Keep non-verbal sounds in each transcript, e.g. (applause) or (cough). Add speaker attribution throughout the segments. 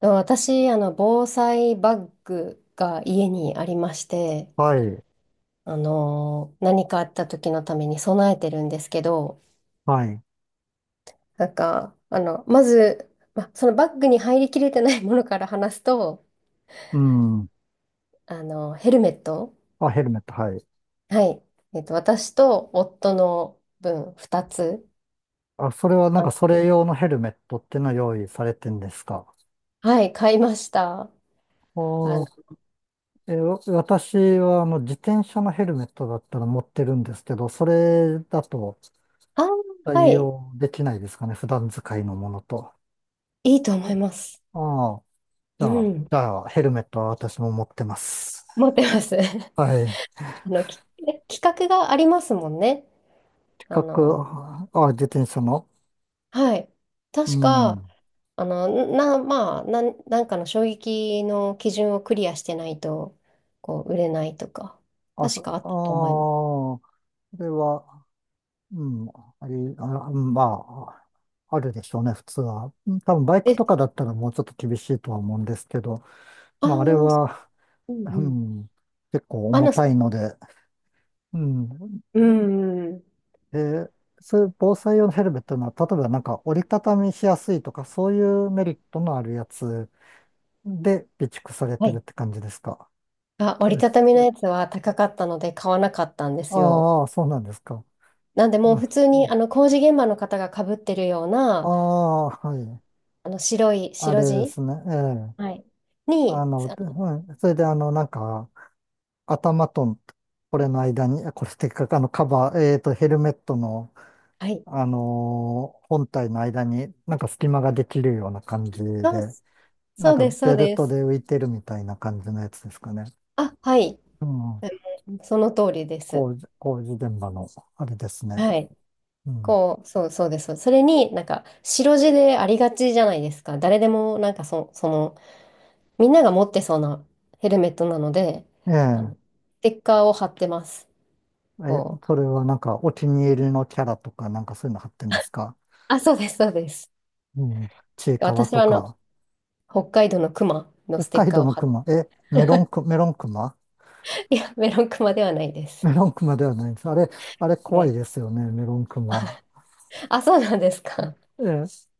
Speaker 1: と私、防災バッグが家にありまして、
Speaker 2: はい、
Speaker 1: 何かあった時のために備えてるんですけど、
Speaker 2: はい。
Speaker 1: まず、そのバッグに入りきれてないものから話すと、
Speaker 2: うん。
Speaker 1: ヘルメット、
Speaker 2: あ、ヘルメット、はい。
Speaker 1: はい、私と夫の分2つ、
Speaker 2: あ、それはなん
Speaker 1: あ
Speaker 2: かそれ用のヘルメットっていうのは用意されてんですか？
Speaker 1: はい、買いました。あ
Speaker 2: お
Speaker 1: の、
Speaker 2: ー。え、私は自転車のヘルメットだったら持ってるんですけど、それだと
Speaker 1: あー、は
Speaker 2: 対
Speaker 1: い、
Speaker 2: 応できないですかね、普段使いのものと。
Speaker 1: いいと思います。
Speaker 2: ああ、じ
Speaker 1: う
Speaker 2: ゃあ、
Speaker 1: ん、
Speaker 2: じゃあヘルメットは私も持ってます。
Speaker 1: 持ってます。
Speaker 2: はい。
Speaker 1: (laughs) あの、き、(laughs) 企画がありますもんね。あ
Speaker 2: 近く、
Speaker 1: の、
Speaker 2: あ、自転車の。
Speaker 1: はい。
Speaker 2: う
Speaker 1: 確か、
Speaker 2: ん。
Speaker 1: あの、な、まあ、なん、なんかの衝撃の基準をクリアしてないと、こう、売れないとか、確かあったと思います。
Speaker 2: ああ、それは、うん、あり、あ、まあ、あるでしょうね、普通は。うん、多分バイク
Speaker 1: で、
Speaker 2: とかだったらもうちょっと厳しいとは思うんですけど、
Speaker 1: ああ、
Speaker 2: まあ、あれ
Speaker 1: うん
Speaker 2: は、
Speaker 1: う
Speaker 2: う
Speaker 1: ん。
Speaker 2: ん、結構
Speaker 1: あ
Speaker 2: 重
Speaker 1: の、
Speaker 2: た
Speaker 1: そ
Speaker 2: いので、うん。
Speaker 1: うん、うん。
Speaker 2: で、そういう防災用のヘルメットのは、例えばなんか折りたたみしやすいとか、そういうメリットのあるやつで備蓄され
Speaker 1: は
Speaker 2: てるっ
Speaker 1: い。
Speaker 2: て感じですか。
Speaker 1: あ、
Speaker 2: そ
Speaker 1: 折
Speaker 2: う
Speaker 1: り
Speaker 2: で
Speaker 1: たた
Speaker 2: す。
Speaker 1: みのやつは高かったので買わなかったんですよ。
Speaker 2: ああ、そうなんですか。
Speaker 1: なんで、も
Speaker 2: う
Speaker 1: う
Speaker 2: ん、
Speaker 1: 普
Speaker 2: あ
Speaker 1: 通に、工事現場の方が被ってるよう
Speaker 2: あ、
Speaker 1: な、
Speaker 2: はい。
Speaker 1: 白い、
Speaker 2: あ
Speaker 1: 白
Speaker 2: れで
Speaker 1: 地、
Speaker 2: すね。ええ。
Speaker 1: はい。に、
Speaker 2: う
Speaker 1: あの、
Speaker 2: ん、それでなんか、頭と、これの間に、これってか、カバー、ヘルメットの、
Speaker 1: はい。
Speaker 2: 本体の間に、なんか隙間ができるような感じ
Speaker 1: そう、
Speaker 2: で、な
Speaker 1: そ
Speaker 2: ん
Speaker 1: う
Speaker 2: か
Speaker 1: です、そう
Speaker 2: ベル
Speaker 1: で
Speaker 2: ト
Speaker 1: す。
Speaker 2: で浮いてるみたいな感じのやつですかね。
Speaker 1: あ、はい。
Speaker 2: うん。
Speaker 1: うん、その通りです。
Speaker 2: 工事現場の、あれですね。
Speaker 1: はい。
Speaker 2: うん。
Speaker 1: こう、そうそうです。そうです、それになんか白地でありがちじゃないですか。誰でもなんかそ、その、みんなが持ってそうなヘルメットなので、
Speaker 2: え
Speaker 1: あ
Speaker 2: え。
Speaker 1: の、ステッカーを貼ってます。
Speaker 2: え、
Speaker 1: こう。
Speaker 2: それはなんかお気に入りのキャラとか、なんかそういうの貼ってんですか？
Speaker 1: あ、そうです、そうです。
Speaker 2: うん。ちいかわ
Speaker 1: 私
Speaker 2: と
Speaker 1: はあの、
Speaker 2: か、
Speaker 1: 北海道のクマの
Speaker 2: 北
Speaker 1: ステッ
Speaker 2: 海道
Speaker 1: カーを
Speaker 2: の
Speaker 1: 貼って、
Speaker 2: 熊、え、メロンク、メロン熊？
Speaker 1: いや、メロンクマではないです。
Speaker 2: メロンクマではないです。あれ
Speaker 1: 違
Speaker 2: 怖
Speaker 1: い
Speaker 2: いですよね、メロンクマ。
Speaker 1: あ、そうなんですか。
Speaker 2: ええ、い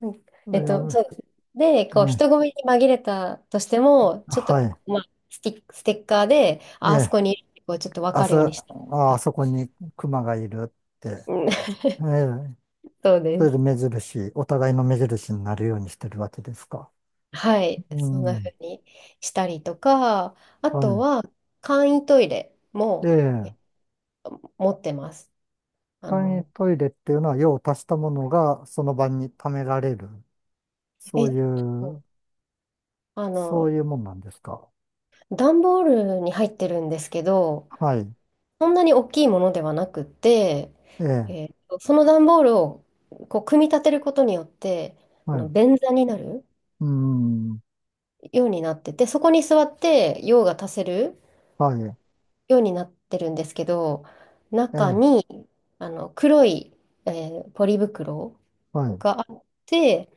Speaker 1: うん、
Speaker 2: や、
Speaker 1: そうです。で、
Speaker 2: え
Speaker 1: こう、人
Speaker 2: え、
Speaker 1: 混みに紛れたとしても、ちょっ
Speaker 2: は
Speaker 1: と、
Speaker 2: い。
Speaker 1: まあ、ステッカーで、
Speaker 2: え
Speaker 1: ああそ
Speaker 2: え、
Speaker 1: こに、こう、ちょっと分
Speaker 2: あ
Speaker 1: かる
Speaker 2: そ、
Speaker 1: ようにして。
Speaker 2: あ、あそこにクマがいるって。
Speaker 1: うん (laughs)
Speaker 2: ええ、
Speaker 1: そう
Speaker 2: そ
Speaker 1: で
Speaker 2: れで
Speaker 1: す。
Speaker 2: お互いの目印になるようにしてるわけですか。
Speaker 1: はい。
Speaker 2: う
Speaker 1: そんな
Speaker 2: ん。
Speaker 1: 風にしたりとか、あ
Speaker 2: は
Speaker 1: とは簡易トイレ
Speaker 2: い。え
Speaker 1: もえ
Speaker 2: え、
Speaker 1: 持ってます。あ
Speaker 2: 簡易
Speaker 1: の、
Speaker 2: トイレっていうのは用を足したものがその場に貯められる。
Speaker 1: え
Speaker 2: そ
Speaker 1: っ
Speaker 2: うい
Speaker 1: と、
Speaker 2: う、
Speaker 1: あ
Speaker 2: そう
Speaker 1: の、
Speaker 2: いうもんなんですか。
Speaker 1: 段ボールに入ってるんですけど、
Speaker 2: はい。
Speaker 1: そんなに大きいものではなくて、
Speaker 2: ええ、
Speaker 1: えっと、その段ボールをこう組み立てることによって、あ
Speaker 2: は
Speaker 1: の
Speaker 2: い。
Speaker 1: 便座になる
Speaker 2: うん。
Speaker 1: ようになってて、そこに座って用が足せる
Speaker 2: はい。
Speaker 1: ようになってるんですけど、
Speaker 2: え
Speaker 1: 中
Speaker 2: え、
Speaker 1: にあの黒い、えポリ袋
Speaker 2: はい。
Speaker 1: があって、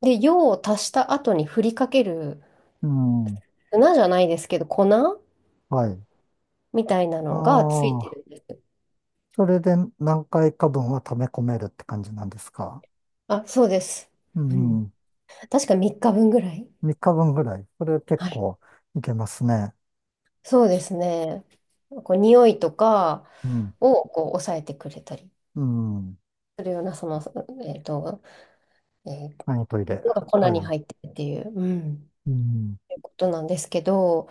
Speaker 1: で、用を足した後に振りかける
Speaker 2: うん。
Speaker 1: 粉じゃないですけど、粉
Speaker 2: はい。
Speaker 1: みたいな
Speaker 2: あ
Speaker 1: のがついて
Speaker 2: あ、
Speaker 1: る。
Speaker 2: それで何回か分は溜め込めるって感じなんですか。
Speaker 1: あ、そうです。
Speaker 2: う
Speaker 1: うん。
Speaker 2: ん。
Speaker 1: 確か3日分ぐらい。
Speaker 2: 3日分ぐらい。それ結
Speaker 1: はい。
Speaker 2: 構いけますね。
Speaker 1: そうですね。こう匂いとか
Speaker 2: うん。
Speaker 1: をこう抑えてくれたり
Speaker 2: うん。
Speaker 1: するような、えっと、えー
Speaker 2: 簡易トイレ。
Speaker 1: のが粉
Speaker 2: は
Speaker 1: に
Speaker 2: い。
Speaker 1: 入ってるっていう、うん、
Speaker 2: うん。
Speaker 1: いうことなんですけど、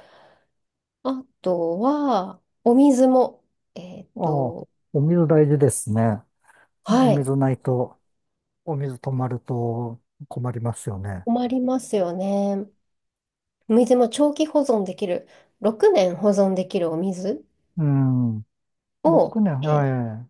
Speaker 1: あとは、お水も、えっ
Speaker 2: ああ、
Speaker 1: と、
Speaker 2: お水大事ですね。お
Speaker 1: はい、
Speaker 2: 水ないと、お水止まると困りますよね。
Speaker 1: 困りますよね。お水も長期保存できる、6年保存できるお水
Speaker 2: うん。6
Speaker 1: を、
Speaker 2: 年、は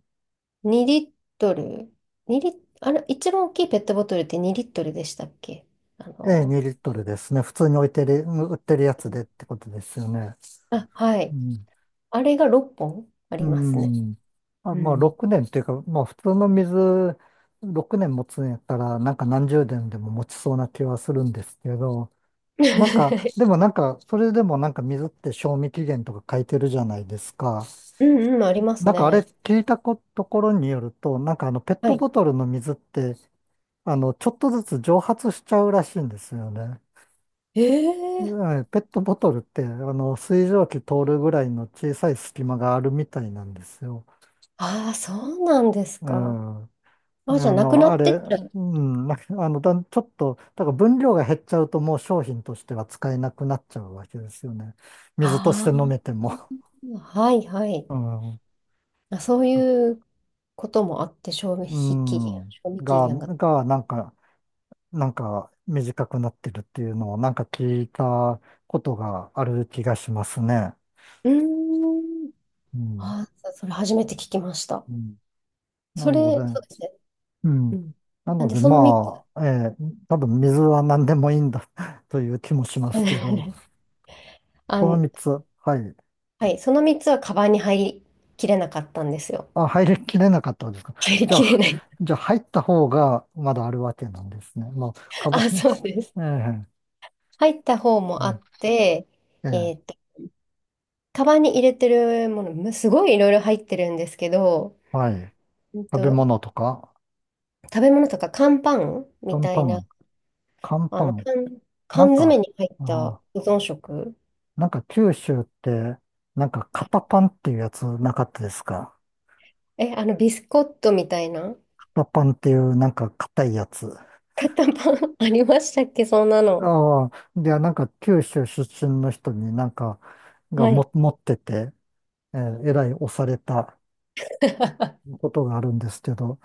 Speaker 1: 2リットル、2リ、あれ、一番大きいペットボトルって2リットルでしたっけ？あ
Speaker 2: い。ええ、
Speaker 1: の、
Speaker 2: 2リットルですね。普通に置いてる、売ってるやつでってことですよね。
Speaker 1: あ、は
Speaker 2: う
Speaker 1: い。
Speaker 2: ん。
Speaker 1: あれが6本あ
Speaker 2: う
Speaker 1: りますね。
Speaker 2: ん。あ、
Speaker 1: う
Speaker 2: まあ、
Speaker 1: ん。
Speaker 2: 6年っていうか、まあ、普通の水、6年持つんやったら、なんか何十年でも持ちそうな気はするんですけど、なんか、
Speaker 1: (laughs)
Speaker 2: でもなんか、それでもなんか水って賞味期限とか書いてるじゃないですか。
Speaker 1: うんうん、あります
Speaker 2: なんかあれ
Speaker 1: ね。
Speaker 2: 聞いたこところによると、なんかペッ
Speaker 1: は
Speaker 2: ト
Speaker 1: い。
Speaker 2: ボトルの水って、ちょっとずつ蒸発しちゃうらしいんですよね。
Speaker 1: ええ、
Speaker 2: うん、ペットボトルって、水蒸気通るぐらいの小さい隙間があるみたいなんですよ。
Speaker 1: ああ、そうなんです
Speaker 2: う
Speaker 1: か。
Speaker 2: ん。
Speaker 1: あ、じゃ
Speaker 2: あ
Speaker 1: あ、なく
Speaker 2: の、
Speaker 1: な
Speaker 2: あ
Speaker 1: って
Speaker 2: れ、
Speaker 1: っちゃう。
Speaker 2: うん、なあの、だん、ちょっと、だから分量が減っちゃうともう商品としては使えなくなっちゃうわけですよね。水とし
Speaker 1: あ
Speaker 2: て飲
Speaker 1: あ、
Speaker 2: めても。
Speaker 1: はいはい。
Speaker 2: うん。
Speaker 1: あ、そういうこともあって、賞味
Speaker 2: う
Speaker 1: 期限、
Speaker 2: ん。
Speaker 1: 賞味期
Speaker 2: が、
Speaker 1: 限が。
Speaker 2: が、なんか、なんか短くなってるっていうのをなんか聞いたことがある気がしますね。
Speaker 1: うーん。
Speaker 2: うん。
Speaker 1: ああ、それ初めて聞きました。
Speaker 2: うん。なの
Speaker 1: そ
Speaker 2: で、
Speaker 1: うですね。
Speaker 2: う
Speaker 1: う
Speaker 2: ん。
Speaker 1: ん。
Speaker 2: な
Speaker 1: なん
Speaker 2: の
Speaker 1: で、
Speaker 2: で、
Speaker 1: その3つ、
Speaker 2: まあ、多分水は何でもいいんだ (laughs) という気もしますけど、
Speaker 1: (laughs) あ
Speaker 2: この
Speaker 1: の
Speaker 2: 3つ、はい。
Speaker 1: はい、その3つはカバンに入りきれなかったんですよ。
Speaker 2: あ、入りきれなかったんですか。
Speaker 1: (laughs) 入り
Speaker 2: じゃ
Speaker 1: きれ
Speaker 2: あ、
Speaker 1: ない。
Speaker 2: じゃあ入った方がまだあるわけなんですね。まあ、カ
Speaker 1: (laughs)
Speaker 2: バ
Speaker 1: あ、
Speaker 2: ンで
Speaker 1: そう
Speaker 2: す。
Speaker 1: です。
Speaker 2: ええ、
Speaker 1: 入った方
Speaker 2: う
Speaker 1: もあ
Speaker 2: ん、
Speaker 1: って、
Speaker 2: ええ、
Speaker 1: えーっと、カバンに入れてるもの、すごいいろいろ入ってるんですけど、
Speaker 2: はい。
Speaker 1: うん
Speaker 2: 食べ
Speaker 1: と、
Speaker 2: 物とか、
Speaker 1: 食べ物とか乾パンみ
Speaker 2: 乾
Speaker 1: た
Speaker 2: パ
Speaker 1: いな、
Speaker 2: ン、乾
Speaker 1: あ
Speaker 2: パ
Speaker 1: の、
Speaker 2: ン。
Speaker 1: 缶、
Speaker 2: な
Speaker 1: 缶
Speaker 2: ん
Speaker 1: 詰
Speaker 2: か、
Speaker 1: に入っ
Speaker 2: あ
Speaker 1: た
Speaker 2: ー、
Speaker 1: 保存食。
Speaker 2: なんか九州って、なんか型パンっていうやつなかったですか。
Speaker 1: え、あの、ビスコットみたいな
Speaker 2: 型パンっていうなんか硬いやつ。
Speaker 1: 型パン (laughs) ありましたっけ、そんなの。
Speaker 2: ああ、で、なんか九州出身の人になんか、が
Speaker 1: はい。
Speaker 2: も持ってて、えらい押されたことがあるんですけど、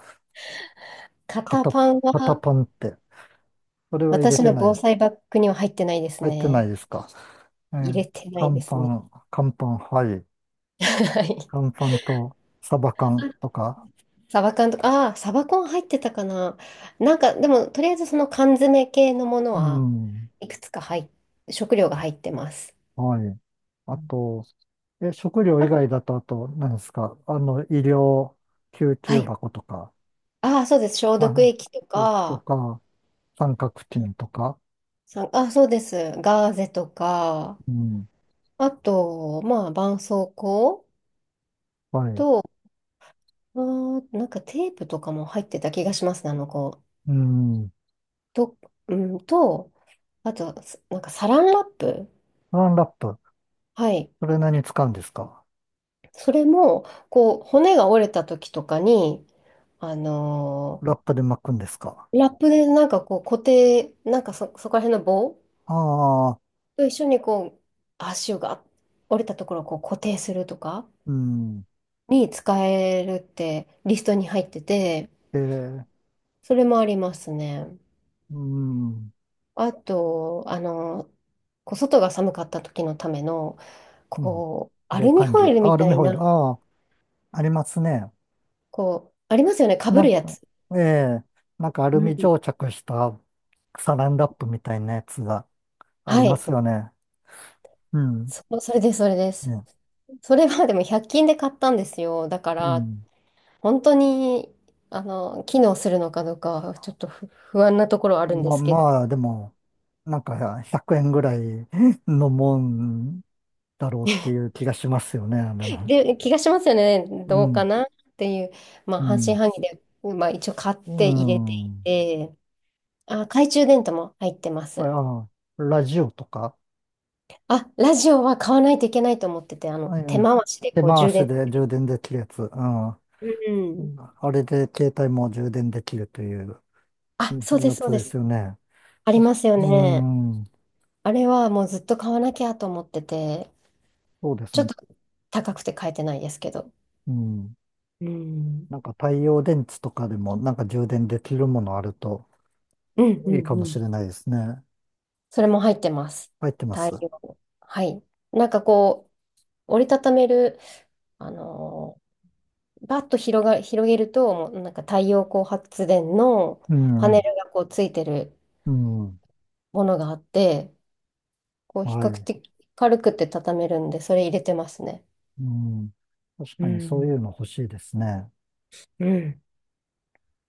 Speaker 1: 型
Speaker 2: 肩、
Speaker 1: パン
Speaker 2: 肩
Speaker 1: は、
Speaker 2: パンって。それは入れ
Speaker 1: 私
Speaker 2: て
Speaker 1: の
Speaker 2: ない
Speaker 1: 防
Speaker 2: です。
Speaker 1: 災バッグには入ってないです
Speaker 2: 入ってない
Speaker 1: ね。
Speaker 2: ですか。え
Speaker 1: 入
Speaker 2: ー、
Speaker 1: れてない
Speaker 2: 乾
Speaker 1: です
Speaker 2: パ
Speaker 1: ね。
Speaker 2: ン、乾パン、はい。
Speaker 1: (laughs) はい。
Speaker 2: 乾パンとサバ缶とか。
Speaker 1: サバ缶とか、ああ、サバ缶入ってたかな。なんか、でも、とりあえずその缶詰系のもの
Speaker 2: う
Speaker 1: は
Speaker 2: ん。
Speaker 1: いくつか入っ、食料が入ってます。
Speaker 2: はい。
Speaker 1: う
Speaker 2: あ
Speaker 1: ん、
Speaker 2: と、食料以
Speaker 1: あ、
Speaker 2: 外だと、あと、何ですか。医療救
Speaker 1: は
Speaker 2: 急
Speaker 1: い。
Speaker 2: 箱とか、
Speaker 1: ああ、そうです。消毒
Speaker 2: 三
Speaker 1: 液と
Speaker 2: と、と
Speaker 1: か、
Speaker 2: か、三角巾とか。
Speaker 1: そうです。ガーゼとか、
Speaker 2: うん。
Speaker 1: あと、まあ、絆創膏
Speaker 2: はい。
Speaker 1: と、あー、なんかテープとかも入ってた気がしますね、あの子。
Speaker 2: うん。
Speaker 1: と、うん、と、あと、なんかサランラップ。
Speaker 2: ワンラップ。
Speaker 1: はい。
Speaker 2: それ何使うんですか？
Speaker 1: それも、こう、骨が折れた時とかに、あの
Speaker 2: ラップで巻くんですか？
Speaker 1: ラップでなんかこう固定、そこら辺の棒
Speaker 2: ああ
Speaker 1: と一緒にこう、足が折れたところをこう固定するとか。
Speaker 2: ー、うん。
Speaker 1: に使えるってリストに入ってて、
Speaker 2: えー、
Speaker 1: それもありますね。
Speaker 2: うん、
Speaker 1: あと、こう外が寒かった時のための、
Speaker 2: うん。
Speaker 1: こう、ア
Speaker 2: 防
Speaker 1: ルミ
Speaker 2: 寒
Speaker 1: ホイ
Speaker 2: 着。
Speaker 1: ル
Speaker 2: あ、
Speaker 1: み
Speaker 2: アル
Speaker 1: た
Speaker 2: ミ
Speaker 1: い
Speaker 2: ホイ
Speaker 1: な、
Speaker 2: ル。ああ、ありますね。
Speaker 1: こう、ありますよね、かぶ
Speaker 2: な
Speaker 1: る
Speaker 2: ん
Speaker 1: や
Speaker 2: か、
Speaker 1: つ。
Speaker 2: ええ、なんかア
Speaker 1: う
Speaker 2: ルミ
Speaker 1: ん。
Speaker 2: 蒸着したサランラップみたいなやつがあ
Speaker 1: は
Speaker 2: りま
Speaker 1: い。
Speaker 2: すよね。うん。
Speaker 1: それです、それです。
Speaker 2: ね。
Speaker 1: それはでも100均で買ったんですよ。だか
Speaker 2: う
Speaker 1: ら、
Speaker 2: ん。
Speaker 1: 本当に、機能するのかどうかは、ちょっと不安なところあるんで
Speaker 2: ま、
Speaker 1: すけど、
Speaker 2: まあ、でも、なんか100円ぐらい (laughs) のもんだろうっていう気がしますよね。あれね。
Speaker 1: 気がしますよね。
Speaker 2: う
Speaker 1: どうか
Speaker 2: ん。
Speaker 1: なっていう、まあ、
Speaker 2: う
Speaker 1: 半
Speaker 2: ん。
Speaker 1: 信半疑で、まあ、一応買っ
Speaker 2: う
Speaker 1: て入れてい
Speaker 2: ん。
Speaker 1: て、あ、懐中電灯も入ってま
Speaker 2: あ
Speaker 1: す。
Speaker 2: あ、ラジオとか。
Speaker 1: あ、ラジオは買わないといけないと思ってて、
Speaker 2: え
Speaker 1: 手
Speaker 2: え、
Speaker 1: 回しで
Speaker 2: 手
Speaker 1: こう
Speaker 2: 回
Speaker 1: 充
Speaker 2: し
Speaker 1: 電。
Speaker 2: で充電できるやつ。うん。う
Speaker 1: うん。
Speaker 2: ん、あれで携帯も充電できるという
Speaker 1: あ、そうで
Speaker 2: や
Speaker 1: す、そう
Speaker 2: つ
Speaker 1: で
Speaker 2: で
Speaker 1: す。
Speaker 2: すよね。
Speaker 1: ありますよ
Speaker 2: う
Speaker 1: ね。
Speaker 2: ん。
Speaker 1: あれはもうずっと買わなきゃと思ってて、
Speaker 2: そうです
Speaker 1: ちょっ
Speaker 2: ね。
Speaker 1: と高くて買えてないですけど。
Speaker 2: うん。
Speaker 1: うん。
Speaker 2: なんか太陽電池とかでもなんか充電できるものあると
Speaker 1: うん、う
Speaker 2: いい
Speaker 1: ん、
Speaker 2: かも
Speaker 1: う
Speaker 2: し
Speaker 1: ん。
Speaker 2: れないですね。
Speaker 1: それも入ってます。
Speaker 2: 入ってま
Speaker 1: 対
Speaker 2: す。
Speaker 1: 応。はい。なんかこう、折りたためる、あのーバッと広が、広げると、もうなんか太陽光発電の
Speaker 2: う
Speaker 1: パネ
Speaker 2: ん。
Speaker 1: ルがこうついてる
Speaker 2: うん。
Speaker 1: ものがあって、こう比
Speaker 2: は
Speaker 1: 較
Speaker 2: い。
Speaker 1: 的軽くて畳めるんで、それ入れてますね。
Speaker 2: うん。確
Speaker 1: う
Speaker 2: かにそうい
Speaker 1: ん、
Speaker 2: うの欲しいですね。
Speaker 1: うん。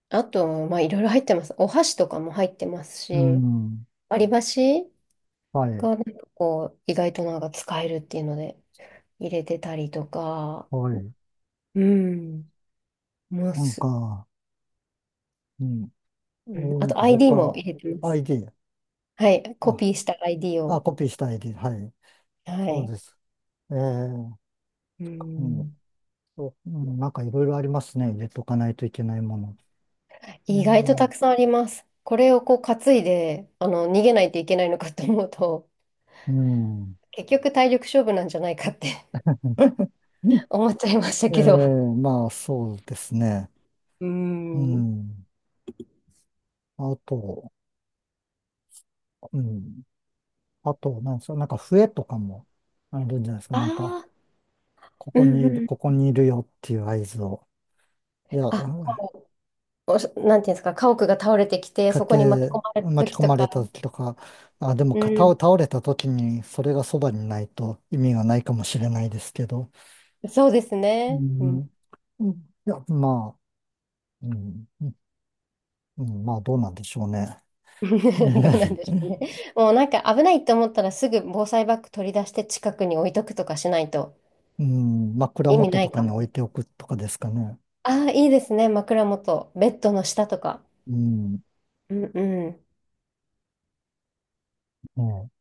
Speaker 1: あと、まあいろいろ入ってます。お箸とかも入ってます
Speaker 2: う
Speaker 1: し、
Speaker 2: ん。
Speaker 1: 割り箸
Speaker 2: はい。
Speaker 1: がなんかこう、意外となんか使えるっていうので入れてたりとか、
Speaker 2: はい。
Speaker 1: うん、ま
Speaker 2: なん
Speaker 1: す。
Speaker 2: か、うん。
Speaker 1: うん、あと ID も
Speaker 2: 他、
Speaker 1: 入れてます。
Speaker 2: ID。
Speaker 1: はい。コ
Speaker 2: あ、
Speaker 1: ピーした ID
Speaker 2: あ、
Speaker 1: を。
Speaker 2: コピーしたいり、はい。
Speaker 1: は
Speaker 2: そう
Speaker 1: い。
Speaker 2: です。ええ、
Speaker 1: う
Speaker 2: うん。
Speaker 1: ん。
Speaker 2: そう、うん、なんかいろいろありますね。入れとかないといけないもの。
Speaker 1: 意外とた
Speaker 2: ね
Speaker 1: くさんあります。これをこう担いで、逃げないといけないのかと思うと、
Speaker 2: え、うん。
Speaker 1: 結局体力勝負なんじゃないかって
Speaker 2: (laughs)
Speaker 1: (laughs) 思っちゃいました
Speaker 2: ええ、
Speaker 1: けど。
Speaker 2: まあ、そうですね。
Speaker 1: うー
Speaker 2: う
Speaker 1: ん。
Speaker 2: ん。あと、うん。あと、なんですか、なんか笛とかもあるんじゃないですか。
Speaker 1: あ
Speaker 2: なんか、
Speaker 1: あ、うんう
Speaker 2: こ
Speaker 1: ん。
Speaker 2: こにいるよっていう合図を。いや、
Speaker 1: あ、こうおしなんていうんですか、家屋が倒れてきて、
Speaker 2: 家
Speaker 1: そこに巻き込
Speaker 2: 庭
Speaker 1: まれた
Speaker 2: 巻き
Speaker 1: 時
Speaker 2: 込
Speaker 1: と
Speaker 2: まれ
Speaker 1: か。
Speaker 2: た時とか、あ、でも
Speaker 1: う
Speaker 2: 肩を
Speaker 1: ん。
Speaker 2: 倒れた時にそれがそばにないと意味がないかもしれないですけど、
Speaker 1: そうです
Speaker 2: う
Speaker 1: ね。うん。
Speaker 2: ん、うん、いや、まあ、うん、うん、まあどうなんでしょうね。
Speaker 1: (laughs)
Speaker 2: (laughs) え
Speaker 1: どうなんで
Speaker 2: へ
Speaker 1: し
Speaker 2: へ、
Speaker 1: ょうね。もうなんか危ないと思ったらすぐ防災バッグ取り出して近くに置いとくとかしないと
Speaker 2: うん、枕
Speaker 1: 意味
Speaker 2: 元
Speaker 1: な
Speaker 2: と
Speaker 1: い
Speaker 2: か
Speaker 1: か
Speaker 2: に
Speaker 1: も
Speaker 2: 置
Speaker 1: で
Speaker 2: い
Speaker 1: す。
Speaker 2: ておくとかですかね。
Speaker 1: ああ、いいですね。枕元、ベッドの下とか。
Speaker 2: うん、
Speaker 1: うんうん。
Speaker 2: ね。